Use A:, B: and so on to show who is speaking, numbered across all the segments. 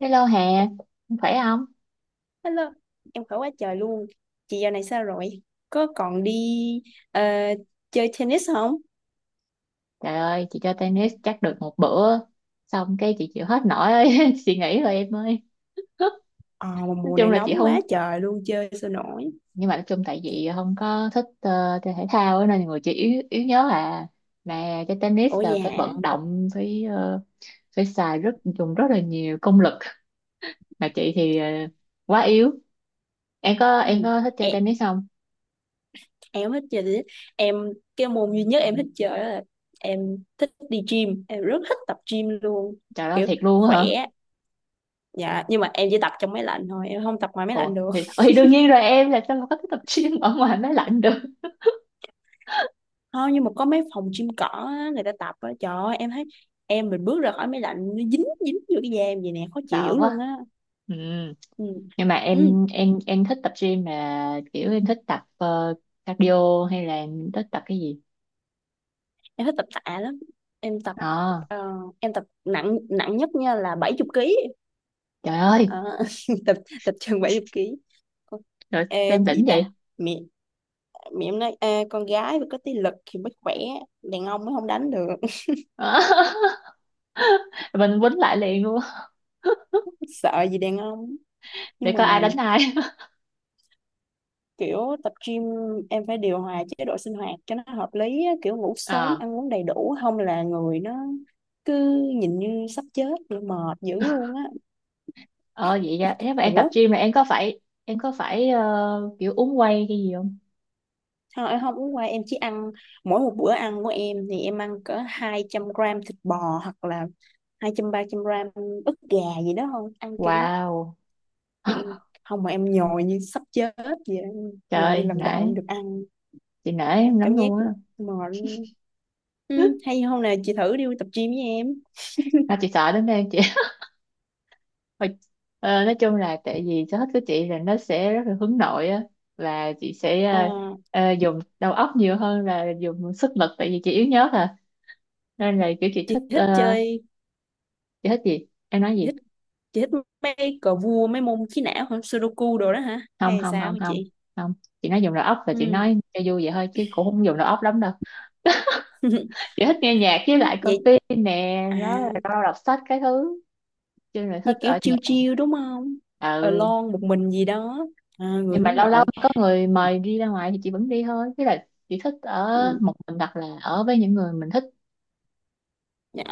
A: Hello Hà, em khỏe không?
B: Hello, em khỏe quá trời luôn. Chị giờ này sao rồi? Có còn đi ờ, chơi tennis không?
A: Trời ơi, chị chơi tennis chắc được một bữa, xong cái chị chịu hết nổi ấy. Chị nghỉ rồi em ơi.
B: Ờ, mà
A: Nói
B: mùa
A: chung
B: này
A: là chị
B: nóng quá
A: không,
B: trời luôn, chơi sao nổi.
A: nhưng mà nói chung tại vì không có thích chơi thể thao ấy, nên người chị yếu, yếu nhớ à. Mà chơi tennis
B: Ủa
A: là
B: vậy
A: phải
B: hả?
A: vận động, phải phải xài rất dùng rất là nhiều công lực. Mà chị thì quá yếu.
B: Ừ.
A: Em có thích chơi
B: Em,
A: tennis không?
B: em thích chơi tennis. Em, cái môn duy nhất em thích chơi đó là em thích đi gym. Em rất thích tập gym luôn.
A: Trời ơi
B: Kiểu
A: thiệt luôn á
B: khỏe.
A: hả?
B: Dạ, nhưng mà em chỉ tập trong máy lạnh thôi, em không tập ngoài máy lạnh
A: Ồ
B: được.
A: thì đương nhiên rồi em làm sao mà có thích tập gym ở ngoài máy lạnh được.
B: Không, nhưng mà có mấy phòng gym cỏ á, người ta tập á, trời ơi, em thấy em mình bước ra khỏi máy lạnh nó dính dính vô cái da em vậy nè khó chịu
A: Sợ
B: dữ luôn
A: quá.
B: á.
A: Ừ.
B: Ừ.
A: Nhưng mà
B: Ừ.
A: em thích tập gym mà kiểu em thích tập cardio hay là em thích tập cái gì?
B: Em thích tập tạ lắm, em tập
A: À,
B: ờ, em tập nặng nặng nhất nha là 70 kg.
A: trời ơi,
B: Ờ, tập tập chừng 70 kg. Ôi,
A: rồi
B: ê,
A: xem
B: cái gì
A: đỉnh
B: ta,
A: vậy.
B: mẹ mẹ em nói: "Ê, con gái mà có tí lực thì mới khỏe, đàn ông mới không đánh được."
A: Mình quýnh lại liền luôn,
B: Sợ gì đàn ông,
A: để
B: nhưng mà
A: coi ai đánh ai.
B: kiểu tập gym em phải điều hòa chế độ sinh hoạt cho nó hợp lý á, kiểu ngủ sớm
A: Ờ.
B: ăn uống đầy đủ không là người nó cứ nhìn như sắp chết mệt dữ luôn á.
A: Ờ, vậy ra nếu mà em tập
B: Ủa
A: gym là em có phải kiểu uống whey cái gì không?
B: thôi em không uống qua, em chỉ ăn mỗi một bữa ăn của em thì em ăn cỡ 200 gram thịt bò hoặc là 200 300 gram ức gà gì đó thôi, ăn kiểu
A: Wow.
B: ừ, không mà em nhồi như sắp chết vậy, em nhồi như
A: Trời
B: lần đầu
A: nể,
B: em được ăn,
A: chị nể em lắm
B: cảm giác
A: luôn á.
B: mệt luôn. Ừ, hay hôm nào chị thử đi tập gym với em.
A: Sao chị sợ đến đây. Thôi, nói chung là tại vì sở thích của chị là nó sẽ rất là hướng nội á, và chị sẽ
B: Ờ,
A: dùng đầu óc nhiều hơn là dùng sức lực, tại vì chị yếu nhớ à. Nên là kiểu chị
B: chị
A: thích
B: thích chơi,
A: chị thích gì em nói
B: chị
A: gì.
B: thích chị thích mấy cờ vua mấy môn trí não hả, sudoku đồ đó hả
A: không
B: hay
A: không
B: sao
A: không
B: hả
A: không
B: chị?
A: không. Chị nói dùng đầu óc là chị
B: Ừ.
A: nói cho vui vậy thôi chứ cũng không dùng đầu óc lắm đâu. Chị thích nghe nhạc với
B: Ừ,
A: lại coi
B: vậy
A: phim nè,
B: à,
A: đó là đọc sách cái thứ, chứ là
B: như
A: thích
B: kiểu
A: ở nhà.
B: chill chill đúng không,
A: Ừ,
B: alone một mình gì đó, à, người
A: nhưng mà
B: hướng
A: lâu lâu
B: nội.
A: có người mời đi ra ngoài thì chị vẫn đi thôi chứ là chị thích ở
B: Ừ,
A: một mình hoặc là ở với những người mình thích.
B: dạ.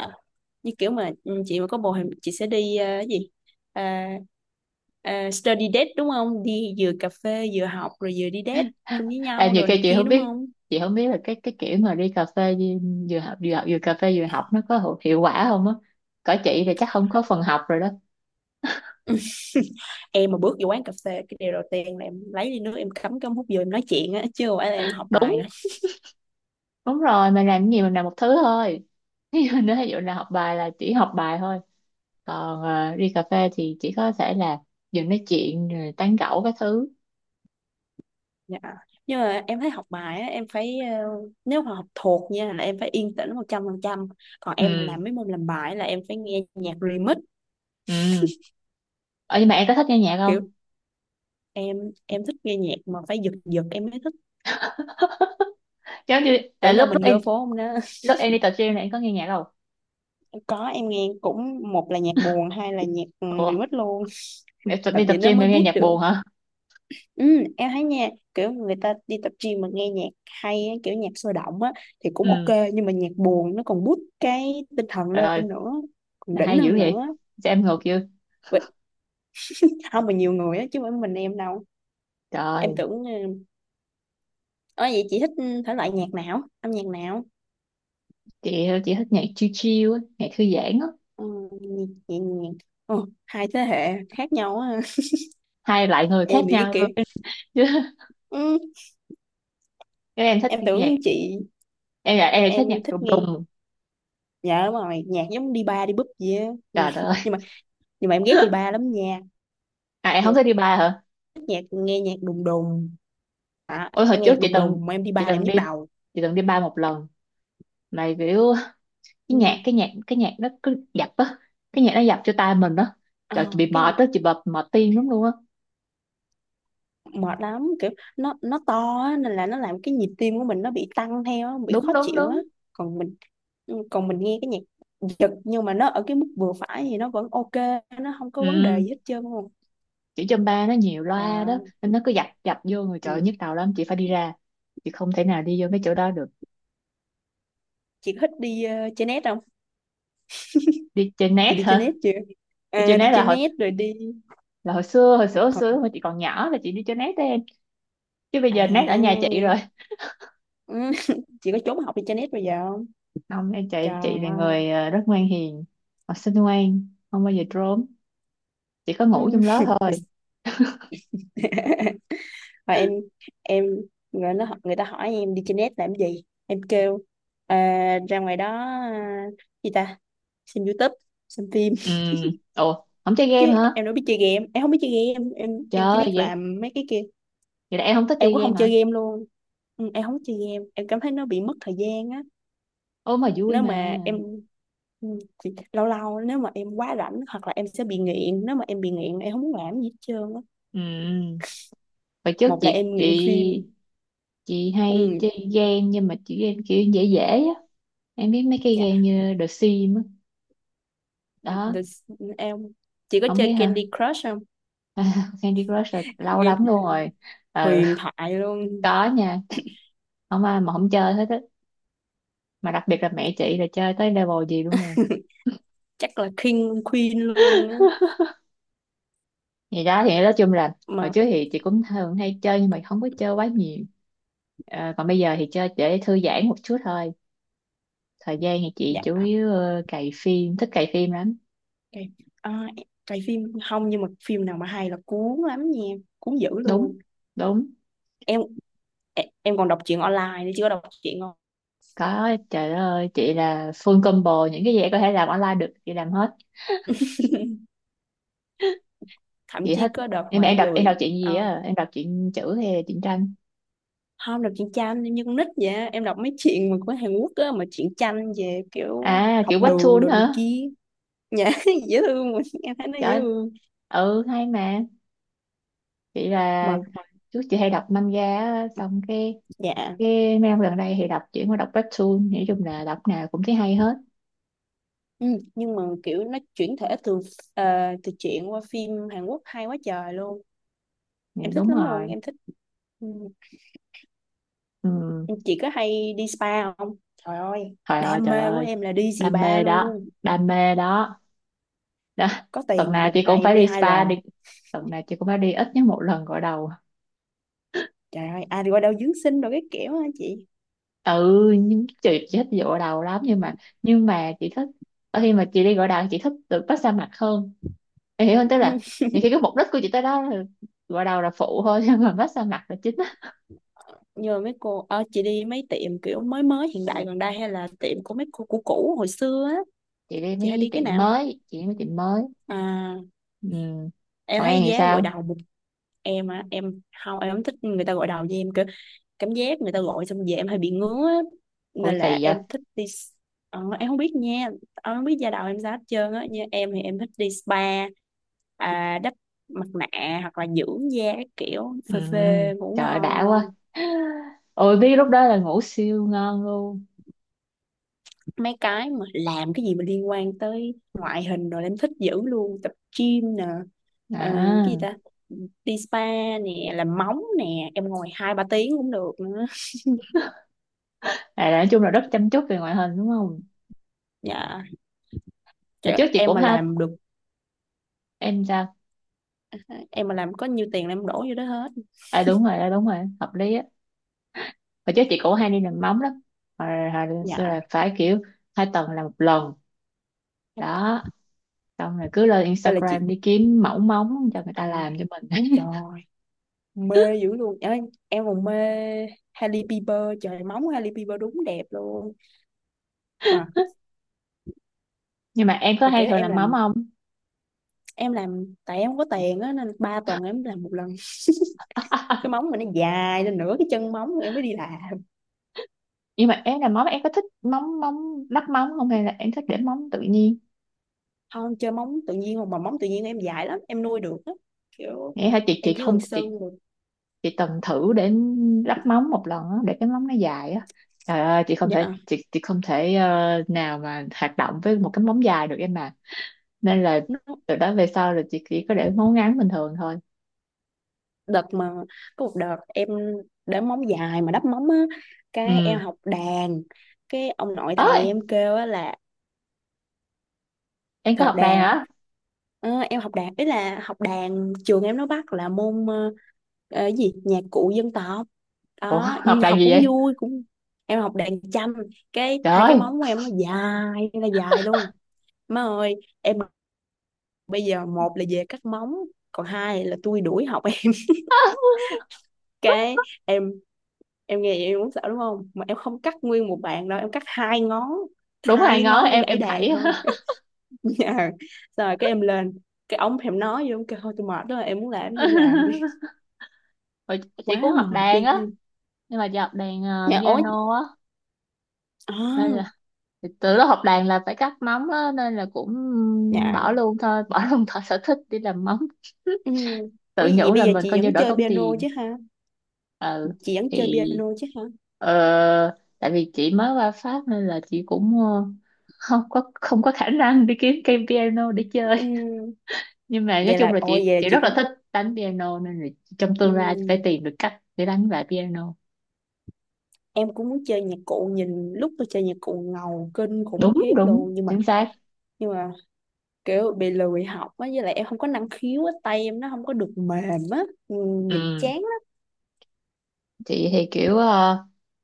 B: Như kiểu mà chị mà có bồ thì chị sẽ đi cái gì, à, study date đúng không, đi vừa cà phê vừa học rồi vừa đi date chung với
A: À,
B: nhau
A: nhiều
B: rồi
A: khi
B: này
A: chị
B: kia
A: không
B: đúng
A: biết,
B: không?
A: chị không biết là cái kiểu mà đi cà phê đi- vừa học vừa cà phê vừa học nó có hiệu quả không á. Cỡ chị thì chắc không có phần học rồi đó.
B: Em mà bước vô quán cà phê cái điều đầu tiên là em lấy ly nước em cắm cắm hút vô em nói chuyện á chứ không phải là em học bài
A: Đúng,
B: đâu.
A: đúng rồi, mình làm cái gì mình làm một thứ thôi. Ví dụ ví dụ là học bài là chỉ học bài thôi, còn đi cà phê thì chỉ có thể là vừa nói chuyện rồi tán gẫu cái thứ.
B: Dạ. Nhưng mà em thấy học bài á, em phải nếu mà học thuộc nha là em phải yên tĩnh 100%. Còn em mà
A: Ừ.
B: làm mấy môn làm bài là em phải nghe nhạc remix.
A: Ừ. Ờ, nhưng mà em có thích nghe nhạc
B: Kiểu
A: không?
B: em em thích nghe nhạc mà phải giật giật em mới thích.
A: Giống như à,
B: Tưởng đâu
A: lúc
B: mình gơ phố không đó.
A: lúc em đi tập gym này em có nghe nhạc không?
B: Có, em nghe cũng một là nhạc buồn, hai là nhạc
A: Ủa,
B: remix luôn.
A: em tập-
B: Tập
A: đi
B: gì
A: tập
B: nó
A: gym
B: mới
A: em nghe
B: boost
A: nhạc
B: được.
A: buồn hả?
B: Ừ, em thấy nha, kiểu người ta đi tập gym mà nghe nhạc hay á, kiểu nhạc sôi động á thì cũng
A: Ừ,
B: ok, nhưng mà nhạc buồn nó còn boost cái tinh thần
A: trời
B: lên
A: ơi,
B: nữa, còn đỉnh
A: hay dữ
B: hơn
A: vậy,
B: nữa.
A: cho em ngược chưa.
B: Không mà nhiều người á chứ không phải mình em đâu, em
A: Trời,
B: tưởng ủa vậy chị thích thể loại nhạc nào, âm nhạc nào?
A: chị thích nhạc chill chill á, nhạc thư giãn á.
B: Ừ, nhẹ nhàng. Ừ, hai thế hệ khác nhau á.
A: Hai loại người khác
B: Em thì cái
A: nhau
B: kia.
A: luôn. chứ
B: Ừ,
A: chứ em thích
B: em
A: nhạc,
B: tưởng chị,
A: em là em lại thích nhạc
B: em thích
A: đùng
B: nghe,
A: đùng.
B: dạ đúng rồi nhạc giống đi ba đi búp gì á, nhạc
A: Trời đất ơi.
B: nhưng mà, nhưng mà em ghét đi ba lắm nha.
A: À, em không
B: Giờ
A: thích đi bar hả?
B: thích nhạc nghe nhạc đùng đùng, à,
A: Ôi hồi
B: em nghe
A: trước
B: nhạc
A: chị
B: đùng
A: từng,
B: đùng mà em đi ba
A: chị
B: là em
A: từng đi
B: nhức đầu.
A: chị từng đi bar một lần, mà kiểu cái
B: Ừ.
A: nhạc cái nhạc cái nhạc nó cứ dập á, cái nhạc nó dập cho tai mình á.
B: Ờ,
A: Trời chị bị
B: cái
A: mệt á, chị bị mệt tim lắm luôn á.
B: mệt lắm kiểu nó to á, nên là nó làm cái nhịp tim của mình nó bị tăng theo á, bị
A: Đúng,
B: khó
A: đúng,
B: chịu á.
A: đúng.
B: Còn mình còn mình nghe cái nhạc giật nhưng mà nó ở cái mức vừa phải thì nó vẫn ok, nó không có vấn đề
A: Ừ.
B: gì hết trơn luôn.
A: Chữ châm ba nó nhiều loa đó
B: Rồi,
A: nên nó cứ dập dập vô người, trời ơi,
B: ừ.
A: nhức đầu lắm, chị phải đi ra, chị không thể nào đi vô mấy chỗ đó được.
B: Chị có thích đi chơi net không?
A: Đi chơi
B: Chị
A: net
B: đi chơi
A: hả?
B: net chưa?
A: Đi chơi
B: À, đi
A: net
B: chơi
A: là hồi,
B: net rồi đi
A: là hồi xưa,
B: thực hành,
A: hồi chị còn nhỏ là chị đi chơi net đó em, chứ bây giờ net ở nhà
B: à
A: chị rồi.
B: ừ. Chị có trốn học đi chơi net bây giờ không?
A: Không em, chị
B: Trời
A: chị là
B: ơi.
A: người rất ngoan hiền, học sinh ngoan không bao giờ trốn, chỉ có ngủ
B: Ừ.
A: trong đó thôi.
B: Và em, người nó người ta hỏi em đi trên net làm gì em kêu: "Ờ, ra ngoài đó, à, gì ta, xem YouTube, xem phim
A: Ừ. Ồ, không chơi
B: chứ
A: game hả?
B: em đâu biết chơi game, em không biết chơi game,
A: Trời
B: em chỉ
A: ơi,
B: biết
A: vậy
B: làm mấy cái kia,
A: vậy là em không thích
B: em
A: chơi
B: cũng không
A: game hả?
B: chơi game luôn." Ừ, em không chơi game, em cảm thấy nó bị mất thời gian á.
A: Ô, mà vui
B: Nếu
A: mà.
B: mà em ừ, thì lâu lâu nếu mà em quá rảnh hoặc là em sẽ bị nghiện, nếu mà em bị nghiện em không muốn làm gì hết trơn á.
A: Ừ, hồi trước
B: Một là
A: chị
B: em nghiện phim.
A: chị chị hay
B: Ừ.
A: chơi game, nhưng mà chị game kiểu dễ dễ á. Em biết mấy cái game như The Sims á
B: The,
A: đó.
B: the, em chỉ có
A: Không biết
B: chơi
A: hả?
B: Candy Crush không?
A: Candy Crush là lâu
B: Ghê,
A: lắm luôn rồi. Ừ,
B: huyền thoại luôn.
A: có nha, không ai mà không chơi hết á, mà đặc biệt là mẹ chị là chơi tới level gì luôn rồi.
B: Chắc là King Queen luôn á.
A: Thì đó thì nói chung là hồi
B: Mà
A: trước thì chị cũng thường hay chơi nhưng mà không có chơi quá nhiều. Ờ, còn bây giờ thì chơi để thư giãn một chút thôi, thời gian thì chị
B: dạ
A: chủ yếu cày phim, thích cày phim lắm.
B: ok. À, cái phim không nhưng mà phim nào mà hay là cuốn lắm nha, cuốn dữ
A: Đúng,
B: luôn.
A: đúng.
B: Em em còn đọc truyện online nữa chứ, có đọc truyện không?
A: Có, trời đất ơi, chị là full combo, những cái gì em có thể làm online được, chị làm hết.
B: Thậm
A: Chị
B: chí
A: thích.
B: có đợt
A: Em
B: mà
A: em
B: em
A: đọc, em
B: lười
A: đọc chuyện gì
B: ờ,
A: á? Em đọc chuyện chữ hay là truyện tranh?
B: không, đọc truyện tranh em như con nít vậy, em đọc mấy chuyện mà của Hàn Quốc á mà truyện tranh về kiểu
A: À, kiểu
B: học đường
A: webtoon
B: đồ này
A: hả?
B: kia. Dạ dễ thương mà em thấy nó dễ
A: Trời,
B: thương
A: ừ hay mà. Chị là
B: mà
A: hồi trước chị hay đọc manga á, xong cái
B: dạ.
A: cái mấy năm gần đây thì đọc chuyển qua đọc webtoon, nói chung là đọc nào cũng thấy hay hết.
B: Ừ, nhưng mà kiểu nó chuyển thể từ ờ, từ truyện qua phim Hàn Quốc hay quá trời luôn,
A: Dạ,
B: em thích
A: đúng
B: lắm luôn
A: rồi.
B: em thích. Ừ.
A: Ừ.
B: Chị có hay đi spa không, trời ơi đam
A: Trời
B: mê của
A: ơi,
B: em là đi
A: đam
B: spa
A: mê đó,
B: luôn.
A: đam mê đó. Đó,
B: Có
A: tuần
B: tiền là
A: nào
B: một
A: chị cũng
B: ngày em
A: phải
B: đi
A: đi
B: hai
A: spa
B: lần.
A: đi, tuần nào chị cũng phải đi ít nhất một lần gội đầu.
B: Trời ơi ai đi qua đâu dưỡng sinh rồi cái kiểu hả chị?
A: Ừ, nhưng chị thích đi gội đầu lắm nhưng mà, nhưng mà chị thích ở khi mà chị đi gội đầu chị thích được massage mặt hơn. Em hiểu không, tức
B: Ừ.
A: là nhiều khi cái mục đích của chị tới đó là gội đầu là phụ thôi, nhưng mà massage mặt là chính á.
B: Nhờ mấy cô chị đi mấy tiệm kiểu mới mới hiện đại gần đây hay là tiệm của mấy cô cũ cũ hồi xưa á,
A: Chị đi
B: chị hay
A: mấy
B: đi cái
A: tiệm
B: nào?
A: mới, chị đi mấy tiệm mới.
B: À
A: Ừ.
B: em
A: Còn
B: thấy
A: em thì
B: giá gội
A: sao?
B: đầu một, em á em không, em không thích người ta gội đầu với em, kiểu cảm giác người ta gội xong về em hay bị ngứa á.
A: Ôi
B: Nên là
A: kỳ vậy.
B: em thích đi em không biết nha, em không biết da đầu em sao hết trơn á. Như em thì em thích đi spa, à, đắp mặt nạ hoặc là dưỡng da các kiểu
A: Ừ.
B: phê phê ngủ
A: Trời ơi, đã quá.
B: ngon.
A: Ôi biết lúc đó là ngủ siêu ngon luôn.
B: Mấy cái mà làm cái gì mà liên quan tới ngoại hình rồi là em thích dữ luôn, tập gym nè, ờ, cái gì
A: À,
B: ta, đi spa nè, làm móng nè, em ngồi hai ba tiếng cũng được nữa.
A: à nói chung là rất chăm chút về ngoại hình đúng không.
B: Dạ. Chứ
A: Hồi trước chị
B: em
A: cũng
B: mà
A: ha.
B: làm được,
A: Em sao?
B: em mà làm có nhiêu tiền là em đổ vô đó hết.
A: À đúng rồi, à, đúng rồi hợp lý á. Hồi trước chị cũng hay đi làm móng lắm, hồi lên xưa
B: Dạ
A: là phải kiểu hai tuần là một lần đó, xong rồi cứ lên
B: đây là chị
A: Instagram đi kiếm mẫu móng cho người ta
B: ăn,
A: làm cho mình.
B: trời mê dữ luôn. Ê, em còn mê Hailey Bieber, trời móng Hailey Bieber đúng đẹp luôn. mà
A: Nhưng mà em có
B: mà
A: hay
B: kiểu
A: thường
B: em
A: làm móng
B: làm,
A: không?
B: em làm tại em không có tiền á nên ba tuần em làm một lần, cái móng mình nó dài lên nửa cái chân móng em mới đi làm.
A: Nhưng mà em làm móng em có thích móng móng lắp móng không hay là em thích để móng tự nhiên?
B: Không chơi móng tự nhiên mà móng tự nhiên em dài lắm em nuôi được á, kiểu
A: Nghĩa hả chị,
B: em
A: chị
B: chỉ
A: không
B: cần
A: chị
B: sơn được.
A: chị từng thử để lắp móng một lần á, để cái móng nó dài á, trời ơi chị không thể,
B: Dạ.
A: chị không thể nào mà hoạt động với một cái móng dài được em ạ. Nên là
B: Nó
A: từ đó về sau là chị chỉ có để ngấu ngán bình thường thôi.
B: đợt mà, có một đợt em để móng dài mà đắp móng á, cái em
A: Ừ,
B: học đàn, cái ông nội thầy
A: ơi
B: em kêu á là,
A: em có
B: thầy học
A: học đàn
B: đàn.
A: hả?
B: Ờ, em học đàn ý là học đàn trường em nó bắt là môn cái gì nhạc cụ dân tộc
A: Ủa
B: đó,
A: học
B: nhưng
A: đàn
B: học
A: gì
B: cũng
A: vậy?
B: vui cũng em học đàn tranh. Cái
A: Trời
B: hai cái
A: ơi.
B: móng của em nó dài là dài luôn, má ơi. Em bây giờ một là về cắt móng, còn hai là tôi đuổi học em. Cái em em nghe vậy em cũng sợ đúng không, mà em không cắt nguyên một bàn đâu em cắt hai ngón,
A: Đúng,
B: hai
A: hai
B: cái
A: ngón,
B: ngón để
A: em
B: gãy
A: em
B: đàn
A: khẩy.
B: thôi. Ờ, rồi cái em lên cái ống thì em nói vô em kêu thôi tôi mệt đó em muốn làm cái gì em làm đi,
A: Hồi chị
B: quá
A: cũng học
B: mệt
A: đàn á,
B: đi.
A: nhưng mà chị học đàn
B: Nhà ối,
A: piano á, nên
B: à,
A: là từ lúc học đàn là phải cắt móng á nên là cũng bỏ
B: dạ
A: luôn thôi, bỏ luôn thợ sở thích đi làm móng,
B: ừ. Ủa
A: tự
B: vậy
A: nhủ
B: bây
A: là
B: giờ
A: mình
B: chị
A: coi như
B: vẫn
A: đỡ
B: chơi
A: tốn
B: piano
A: tiền.
B: chứ ha?
A: Ừ.
B: chị vẫn chơi
A: Thì
B: piano chứ hả
A: tại vì chị mới qua Pháp nên là chị cũng không có khả năng đi kiếm cây piano để chơi.
B: Ừ.
A: Nhưng mà nói
B: Vậy
A: chung
B: là
A: là
B: ôi
A: chị
B: vậy là
A: chị
B: chị
A: rất là
B: cũng.
A: thích đánh piano, nên là trong
B: Ừ.
A: tương lai chị phải tìm được cách để đánh lại piano.
B: Em cũng muốn chơi nhạc cụ, nhìn lúc tôi chơi nhạc cụ ngầu kinh khủng
A: Đúng,
B: khiếp
A: đúng
B: luôn, nhưng mà,
A: chính xác.
B: nhưng mà kiểu bị lười học á, với lại em không có năng khiếu á, tay em nó không có được mềm á. Ừ, nhìn
A: Ừ,
B: chán lắm.
A: chị thì kiểu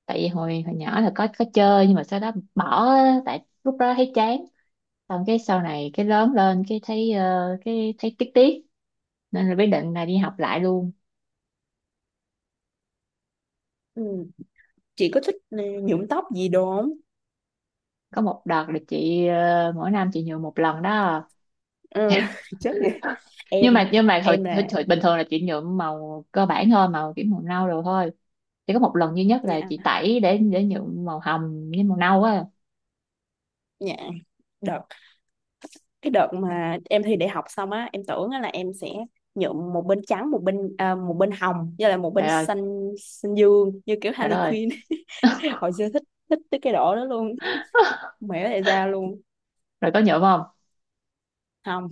A: tại vì hồi hồi nhỏ là có chơi nhưng mà sau đó bỏ á, tại lúc đó thấy chán, xong cái sau này cái lớn lên cái thấy cái thấy tiếc tiếc, nên là quyết định là đi học lại luôn.
B: Ừ. Chị có thích nhuộm tóc gì đồ không?
A: Có một đợt là chị mỗi năm chị nhuộm một lần đó,
B: Ừ, chắc vậy.
A: nhưng mà
B: Em
A: hồi,
B: em
A: hồi,
B: là
A: hồi bình thường là chị nhuộm màu cơ bản thôi, màu kiểu màu nâu rồi thôi. Chỉ có một lần duy nhất là
B: nhà
A: chị tẩy để nhuộm màu hồng với màu nâu á.
B: nhà đợt, cái đợt mà em thi đại học xong á em tưởng á là em sẽ nhuộm một bên trắng, một bên à, một bên hồng với lại một bên
A: Trời ơi,
B: xanh xanh dương như kiểu
A: trời đất
B: Harley
A: ơi.
B: Quinn. Hồi xưa thích, thích tới cái độ đó luôn. Mẹ tại sao luôn.
A: Rồi có nhuộm không?
B: Không,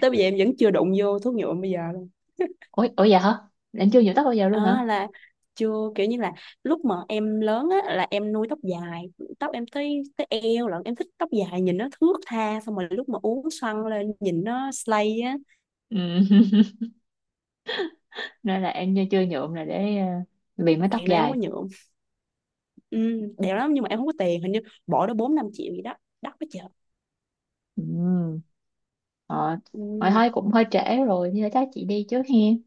B: tới bây giờ em vẫn chưa đụng vô thuốc nhuộm bây giờ.
A: Ủa, ủa dạ hả? Em chưa nhuộm tóc bao giờ luôn
B: À,
A: hả?
B: là chưa kiểu như là lúc mà em lớn á là em nuôi tóc dài, tóc em tới tới eo lận, em thích tóc dài nhìn nó thướt tha xong rồi lúc mà uốn xoăn lên nhìn nó slay á.
A: Ừ. Nên là em chưa nhuộm là để vì mái tóc
B: Chuyện này em không có
A: dài.
B: nhuộm. Ừ, đẹp lắm nhưng mà em không có tiền hình như bỏ đó 4 5 triệu gì đó, đắt quá trời.
A: Ừ. Ờ, rồi
B: Ừ.
A: thôi cũng hơi trễ rồi, thì thôi chắc chị đi trước hen.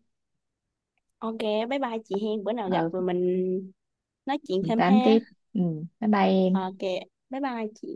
B: Ok, bye bye chị hen, bữa nào gặp
A: Ờ,
B: rồi mình nói chuyện
A: mình
B: thêm
A: tám
B: ha.
A: tiếp. Ừ, bye bye em.
B: Ok bye bye chị.